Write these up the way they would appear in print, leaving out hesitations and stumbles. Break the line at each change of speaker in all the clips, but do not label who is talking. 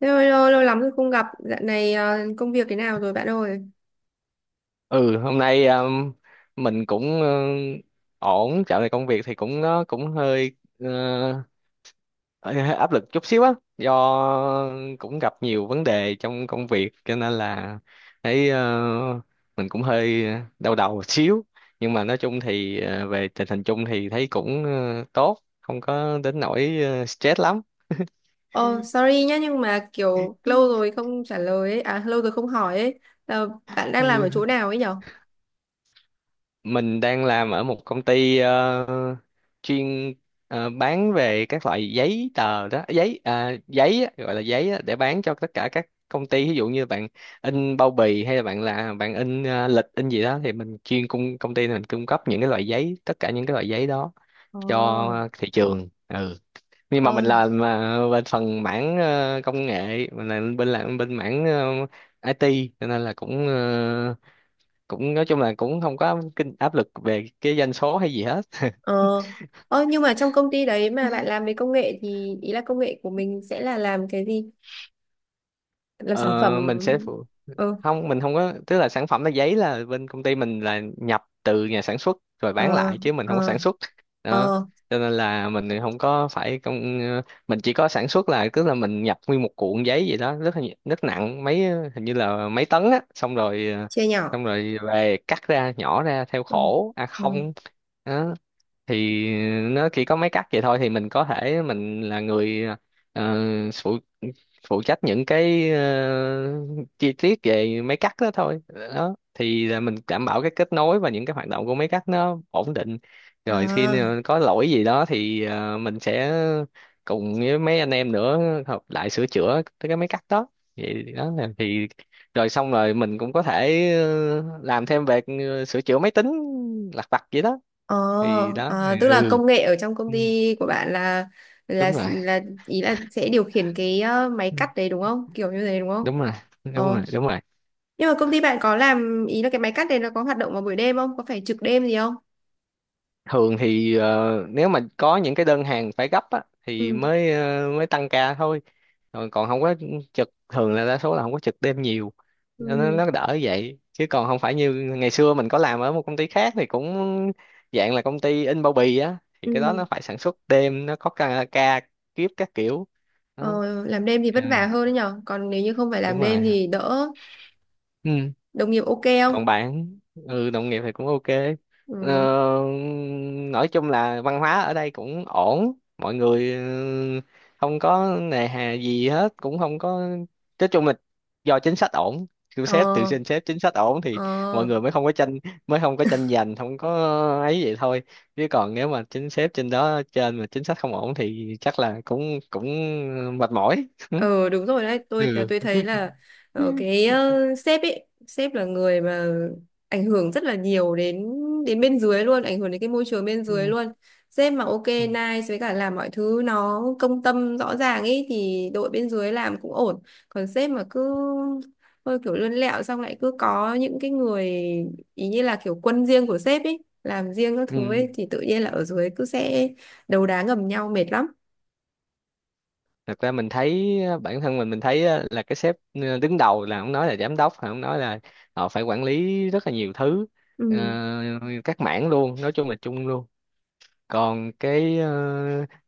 Lâu lắm rồi không gặp, dạo này công việc thế nào rồi bạn ơi?
Ừ, hôm nay mình cũng ổn. Dạo này công việc thì cũng, nó cũng hơi hơi áp lực chút xíu á, do cũng gặp nhiều vấn đề trong công việc cho nên là thấy mình cũng hơi đau đầu một xíu. Nhưng mà nói chung thì về tình hình chung thì thấy cũng tốt, không có đến nỗi stress lắm.
Oh, sorry nhá, nhưng mà kiểu lâu rồi không trả lời ấy, à lâu rồi không hỏi ấy. Ờ, bạn đang làm
Ừ.
ở chỗ nào ấy nhở?
Mình đang làm ở một công ty chuyên bán về các loại giấy tờ đó, giấy à, giấy á, gọi là giấy á, để bán cho tất cả các công ty, ví dụ như bạn in bao bì, hay là bạn in lịch in gì đó, thì mình chuyên cung công ty mình cung cấp những cái loại giấy tất cả những cái loại giấy đó
Ờ.
cho thị trường, nhưng mà mình
Ờ.
làm mà bên phần mảng công nghệ, mình làm bên mảng IT, cho nên là cũng cũng nói chung là cũng không có kinh áp lực về cái doanh số hay gì hết.
Ờ. Ờ. Nhưng mà trong công ty đấy mà bạn làm về công nghệ thì ý là công nghệ của mình sẽ là làm cái gì? Làm sản phẩm.
ờ, mình sẽ phụ-
Ừ.
Không, mình không có, tức là sản phẩm là giấy, là bên công ty mình là nhập từ nhà sản xuất rồi bán
Ờ.
lại chứ mình không có
Ờ.
sản xuất đó,
Ờ.
cho nên là mình thì không có phải mình chỉ có sản xuất là, tức là mình nhập nguyên một cuộn giấy vậy đó, rất nặng, mấy hình như là mấy tấn á,
Chia nhỏ.
xong rồi về cắt ra nhỏ ra theo
Ừ.
khổ a
Ừ.
không đó. Thì nó chỉ có mấy cách vậy thôi, thì mình có thể mình là người ờ, phụ phụ trách những cái chi tiết về mấy cách đó thôi, đó thì là mình đảm bảo cái kết nối và những cái hoạt động của mấy cách nó ổn định. Rồi khi
À.
nào có lỗi gì đó thì mình sẽ cùng với mấy anh em nữa hợp lại sửa chữa cái mấy cách đó, vậy đó là thì rồi xong rồi mình cũng có thể làm thêm về sửa chữa máy tính lặt vặt vậy đó,
Ờ,
thì đó thì
à, tức là
ừ.
công nghệ ở trong công
Ừ,
ty của bạn là là
đúng rồi.
là ý là sẽ điều khiển cái máy
Ừ.
cắt đấy đúng không? Kiểu như thế đúng không?
Đúng rồi, đúng
Ờ.
rồi, đúng rồi.
Nhưng mà công ty bạn có làm ý là cái máy cắt đấy nó có hoạt động vào buổi đêm không? Có phải trực đêm gì không?
Thường thì nếu mà có những cái đơn hàng phải gấp á, thì
Ừ.
mới ờ, mới tăng ca thôi, còn còn không có trực, thường là đa số là không có trực đêm nhiều, nó nó
Ừ.
nó đỡ vậy chứ còn không phải như ngày xưa mình có làm ở một công ty khác, thì cũng dạng là công ty in bao bì á, thì cái đó
Ừ.
nó phải sản xuất đêm, nó có ca kiếp các kiểu đó.
Ờ, làm đêm thì
Ừ,
vất vả hơn đấy nhở. Còn nếu như không phải làm
đúng
đêm
rồi,
thì đỡ.
ừ,
Đồng nghiệp ok không?
còn bạn? Ừ, đồng nghiệp thì cũng ok. ờ,
Ừ.
nói chung là văn hóa ở đây cũng ổn, mọi người không có nề hà gì hết, cũng không có, nói chung là do chính sách ổn, từ sếp, từ
Ờ.
trên sếp chính sách ổn thì mọi
Ờ.
người mới không có tranh, mới không có tranh giành, không có ấy vậy thôi. Chứ còn nếu mà chính sếp trên đó, trên mà chính sách không ổn thì chắc là cũng cũng mệt mỏi
Ờ đúng rồi đấy, tôi là
ừ.
tôi thấy là
Ừ.
cái sếp ấy, sếp là người mà ảnh hưởng rất là nhiều đến đến bên dưới luôn, ảnh hưởng đến cái môi trường bên
Ừ,
dưới luôn. Sếp mà ok nice với cả làm mọi thứ nó công tâm rõ ràng ấy thì đội bên dưới làm cũng ổn. Còn sếp mà cứ hơi kiểu lươn lẹo, xong lại cứ có những cái người ý như là kiểu quân riêng của sếp ấy, làm riêng các
ừ.
thứ ấy thì tự nhiên là ở dưới cứ sẽ đấu đá ngầm nhau mệt lắm.
Thật ra mình thấy á, bản thân mình thấy á, là cái sếp đứng đầu, là ông nói là giám đốc, ông nói là họ phải quản lý rất là nhiều thứ, ờ,
Ừ.
các mảng luôn, nói chung là chung luôn. Còn cái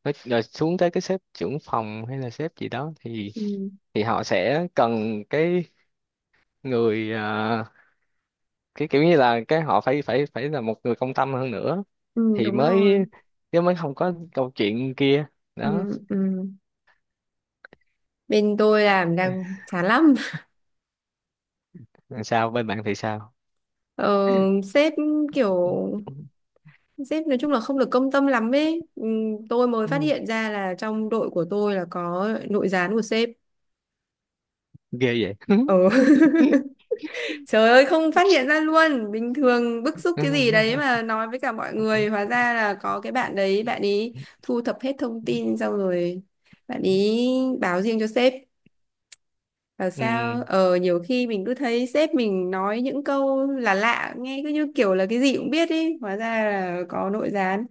rồi xuống tới cái sếp trưởng phòng hay là sếp gì đó thì
Ừ.
họ sẽ cần cái người cái kiểu như là cái, họ phải phải phải là một người công tâm hơn nữa
Ừ.
thì
Đúng
mới,
rồi.
chứ mới không có câu chuyện kia đó.
Ừ. Ừ. Bên tôi làm đang chán lắm.
Sao bên bạn thì sao?
ờ, sếp kiểu sếp nói chung là không được công tâm lắm ấy. Ừ, tôi mới phát
Ừ,
hiện ra là trong đội của tôi là có nội gián của sếp.
ghê vậy
ờ Trời ơi, không phát hiện ra luôn, bình thường bức xúc cái gì đấy mà nói với cả mọi người, hóa ra là có cái bạn đấy, bạn ấy thu thập hết thông tin xong rồi bạn ấy báo riêng cho sếp. Bảo
Ừ,
sao nhiều khi mình cứ thấy sếp mình nói những câu là lạ, nghe cứ như kiểu là cái gì cũng biết ý, hóa ra là có nội gián.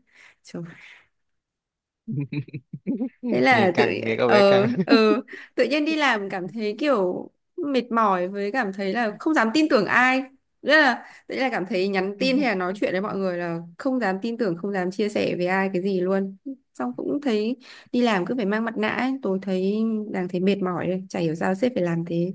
Trời, thế là tự
nghe có vẻ
ờ
căng.
ờ tự nhiên đi làm cảm thấy kiểu mệt mỏi, với cảm thấy là không dám tin tưởng ai, rất là, đấy là cảm thấy nhắn tin hay là nói chuyện với mọi người là không dám tin tưởng, không dám chia sẻ với ai cái gì luôn. Xong cũng thấy đi làm cứ phải mang mặt nạ ấy. Tôi thấy đang thấy mệt mỏi đây, chả hiểu sao sếp phải làm thế.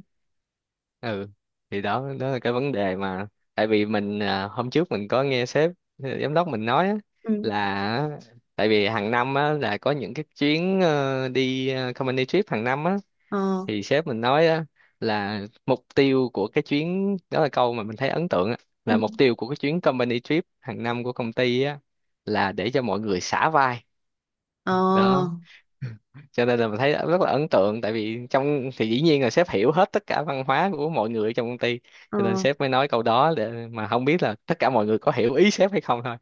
Ừ, thì đó, đó là cái vấn đề mà. Tại vì mình à, hôm trước mình có nghe sếp à, giám đốc mình nói á,
Ừ.
là tại vì hàng năm á, là có những cái chuyến đi company trip hàng năm á,
Ờ.
thì sếp mình nói á, là mục tiêu của cái chuyến đó, là câu mà mình thấy ấn tượng á,
Ừ.
là mục tiêu của cái chuyến company trip hàng năm của công ty á, là để cho mọi người xả vai
Ờ.
đó. Cho nên là mình thấy rất là ấn tượng, tại vì trong thì dĩ nhiên là sếp hiểu hết tất cả văn hóa của mọi người trong công ty,
Ờ.
cho nên sếp mới nói câu đó, để mà không biết là tất cả mọi người có hiểu ý sếp hay không thôi.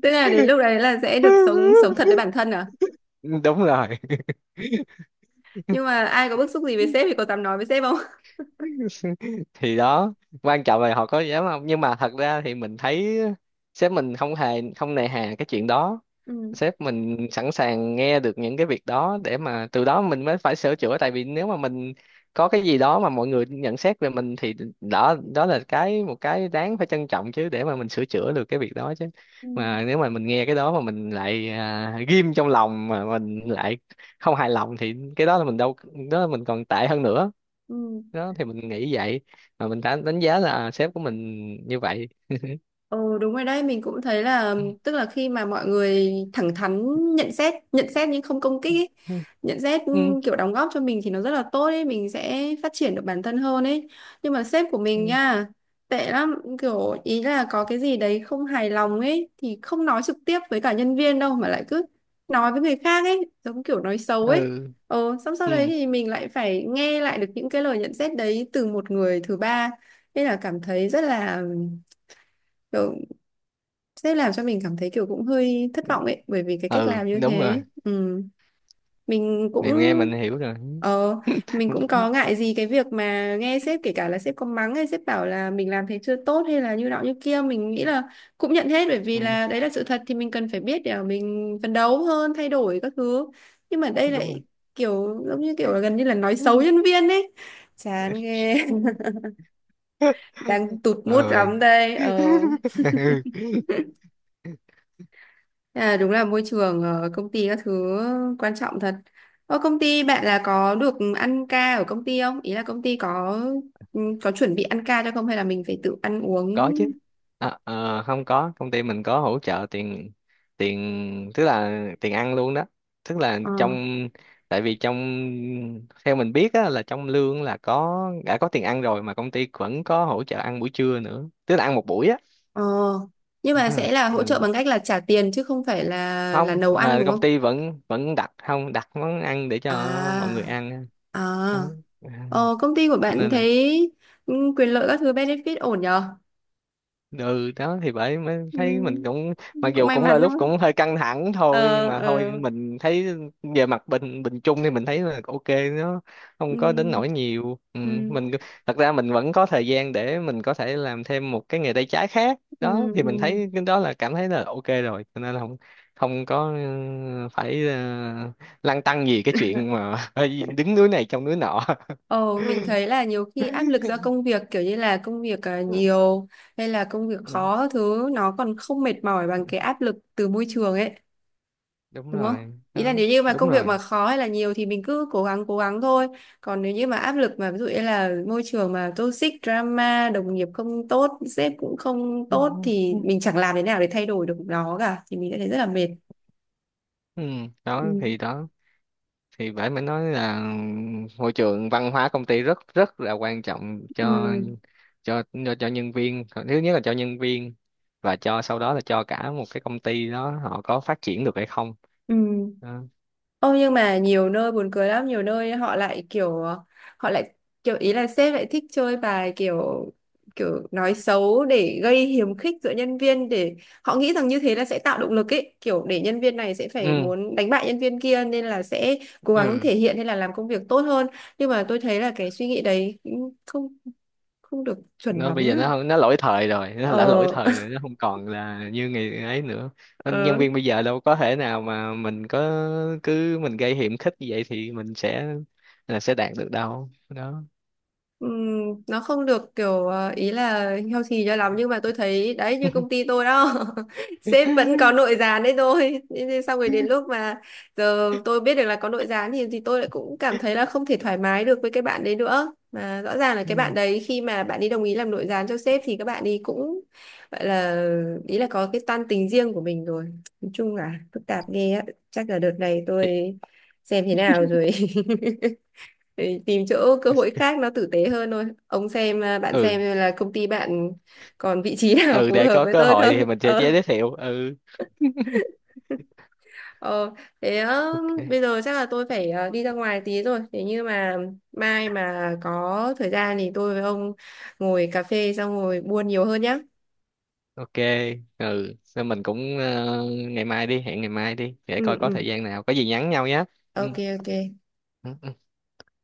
Tức là đến lúc đấy là sẽ được sống sống thật với bản thân à?
Đúng rồi,
Nhưng mà ai có bức xúc gì với sếp thì có dám nói với sếp không?
thì đó. Quan trọng là họ có dám không, nhưng mà thật ra thì mình thấy sếp mình không hề, không nề hà cái chuyện đó.
Ừ.
Sếp mình sẵn sàng nghe được những cái việc đó để mà từ đó mình mới phải sửa chữa, tại vì nếu mà mình có cái gì đó mà mọi người nhận xét về mình thì đó, đó là một cái đáng phải trân trọng, chứ để mà mình sửa chữa được cái việc đó chứ.
Ừ.
Mà nếu mà mình nghe cái đó mà mình lại à, ghim trong lòng mà mình lại không hài lòng thì cái đó là mình đâu, đó là mình còn tệ hơn nữa,
Ừ.
đó thì mình nghĩ vậy, mà mình đã đánh giá là sếp của mình như vậy.
Ừ, đúng rồi đấy, mình cũng thấy là tức là khi mà mọi người thẳng thắn nhận xét, nhận xét nhưng không công kích ấy.
Ừ.
Nhận xét kiểu đóng góp cho mình thì nó rất là tốt ấy, mình sẽ phát triển được bản thân hơn ấy. Nhưng mà sếp của mình
Ừ.
nha, tệ lắm, kiểu ý là có cái gì đấy không hài lòng ấy thì không nói trực tiếp với cả nhân viên đâu, mà lại cứ nói với người khác ấy, giống kiểu nói xấu ấy.
Ừ.
Ừ, xong sau
Ừ.
đấy thì mình lại phải nghe lại được những cái lời nhận xét đấy từ một người thứ ba, nên là cảm thấy rất là, sẽ làm cho mình cảm thấy kiểu cũng hơi thất vọng ấy bởi vì cái cách
Ừ,
làm như
đúng rồi.
thế. Ừ. mình cũng
Này nghe mình hiểu rồi.
ờ mình cũng có ngại gì cái việc mà nghe sếp, kể cả là sếp có mắng hay sếp bảo là mình làm thế chưa tốt hay là như nọ như kia, mình nghĩ là cũng nhận hết, bởi vì
Ừ,
là đấy là sự thật thì mình cần phải biết để mà mình phấn đấu hơn, thay đổi các thứ. Nhưng mà đây
đúng rồi.
lại kiểu giống như kiểu là gần như là nói xấu nhân viên ấy. Chán ghê. Đang tụt mood lắm
Ơi.
đây. Ờ À, đúng là môi trường công ty các thứ quan trọng thật. Ở công ty bạn là có được ăn ca ở công ty không? Ý là công ty có chuẩn bị ăn ca cho không hay là mình phải tự ăn uống?
Có chứ. À, không có, công ty mình có hỗ trợ tiền, tức là tiền ăn luôn đó. Tức là
Ờ.
trong Tại vì trong, theo mình biết á, là trong lương là đã có tiền ăn rồi mà công ty vẫn có hỗ trợ ăn buổi trưa nữa. Tức là ăn một buổi á.
Ờ. Nhưng mà
Ha,
sẽ là hỗ trợ
ừ.
bằng cách là trả tiền chứ không phải là
Không,
nấu ăn
à,
đúng
công
không?
ty vẫn vẫn đặt, không đặt món ăn để
À.
cho mọi người ăn
À.
đó. À,
Ờ, công ty của
cho
bạn
nên là
thấy quyền lợi các thứ benefit ổn nhờ?
ừ đó thì bởi mới
Ừ,
thấy mình cũng, mặc
cũng
dù
may
cũng là
mắn đúng
lúc
không?
cũng hơi căng thẳng thôi, nhưng
Ờ.
mà thôi
Ờ.
mình thấy về mặt bình bình chung thì mình thấy là ok, nó
Ừ.
không có đến nỗi nhiều, ừ,
Ừ.
mình thật ra mình vẫn có thời gian để mình có thể làm thêm một cái nghề tay trái khác.
Ừ.
Đó thì mình
Ừ.
thấy cái đó là, cảm thấy là ok rồi, cho nên là không không có, phải lăn tăn gì cái chuyện mà đứng núi này trông núi nọ.
Ồ, mình thấy là nhiều khi áp lực do công việc, kiểu như là công việc à, nhiều hay là công việc khó thứ, nó còn không mệt mỏi bằng cái áp lực từ môi
Ừ,
trường ấy,
đúng
đúng không?
rồi
Ý là
đó,
nếu như mà
đúng
công việc
rồi,
mà khó hay là nhiều thì mình cứ cố gắng, cố gắng thôi. Còn nếu như mà áp lực mà ví dụ như là môi trường mà toxic, drama, đồng nghiệp không tốt, sếp cũng không tốt thì mình chẳng làm thế nào để thay đổi được nó cả thì mình sẽ thấy rất là mệt.
ừ.
Ừ.
Đó thì phải mới nói là, môi trường văn hóa công ty rất rất là quan trọng,
Ừ.
cho nhân viên, thứ nhất là cho nhân viên và cho sau đó là cho cả một cái công ty đó họ có phát triển được hay không
Ừ.
đó.
Ô, nhưng mà nhiều nơi buồn cười lắm, nhiều nơi họ lại kiểu ý là sếp lại thích chơi bài kiểu kiểu nói xấu để gây hiềm khích giữa nhân viên, để họ nghĩ rằng như thế là sẽ tạo động lực ấy, kiểu để nhân viên này sẽ phải
Ừ.
muốn đánh bại nhân viên kia nên là sẽ cố gắng
Ừ.
thể hiện hay là làm công việc tốt hơn. Nhưng mà tôi thấy là cái suy nghĩ đấy cũng không không được chuẩn
Nó bây
lắm.
giờ nó không, nó lỗi thời rồi, nó đã lỗi
Ờ.
thời rồi, nó không còn là như ngày ấy nữa. Nên nhân viên bây giờ đâu có thể nào mà mình có cứ mình gây hiểm khích như vậy thì mình sẽ, là sẽ đạt được đâu đó.
Nó không được kiểu ý là healthy cho lắm, nhưng mà tôi thấy đấy như công ty tôi đó. Sếp vẫn có nội gián đấy thôi. Thế nên xong rồi, đến lúc mà giờ tôi biết được là có nội gián thì tôi lại cũng cảm thấy là không thể thoải mái được với cái bạn đấy nữa, mà rõ ràng là cái bạn
Ừ.
đấy, khi mà bạn ấy đồng ý làm nội gián cho sếp thì các bạn ấy cũng gọi là, ý là có cái toan tính riêng của mình rồi. Nói chung là phức tạp ghê á. Chắc là đợt này
Thì-
tôi xem thế nào rồi, để tìm chỗ cơ hội khác nó tử tế hơn thôi. Ông xem à, bạn
ừ.
xem là công ty bạn còn vị trí nào
Ừ,
phù
để
hợp
có
với
cơ
tôi
hội
không?
thì mình sẽ
Ờ
giới thiệu. Ừ,
ờ Thế
ok.
bây giờ chắc là tôi phải đi ra ngoài tí rồi, thế nhưng mà mai mà có thời gian thì tôi với ông ngồi cà phê xong ngồi buôn nhiều hơn nhá.
Ok. Ừ. Nên mình cũng ngày mai đi, hẹn ngày mai đi để coi
Ừ.
có
Ừ.
thời gian nào, có gì nhắn nhau nhé. Ừ.
OK. OK.
Ừ. Ừ.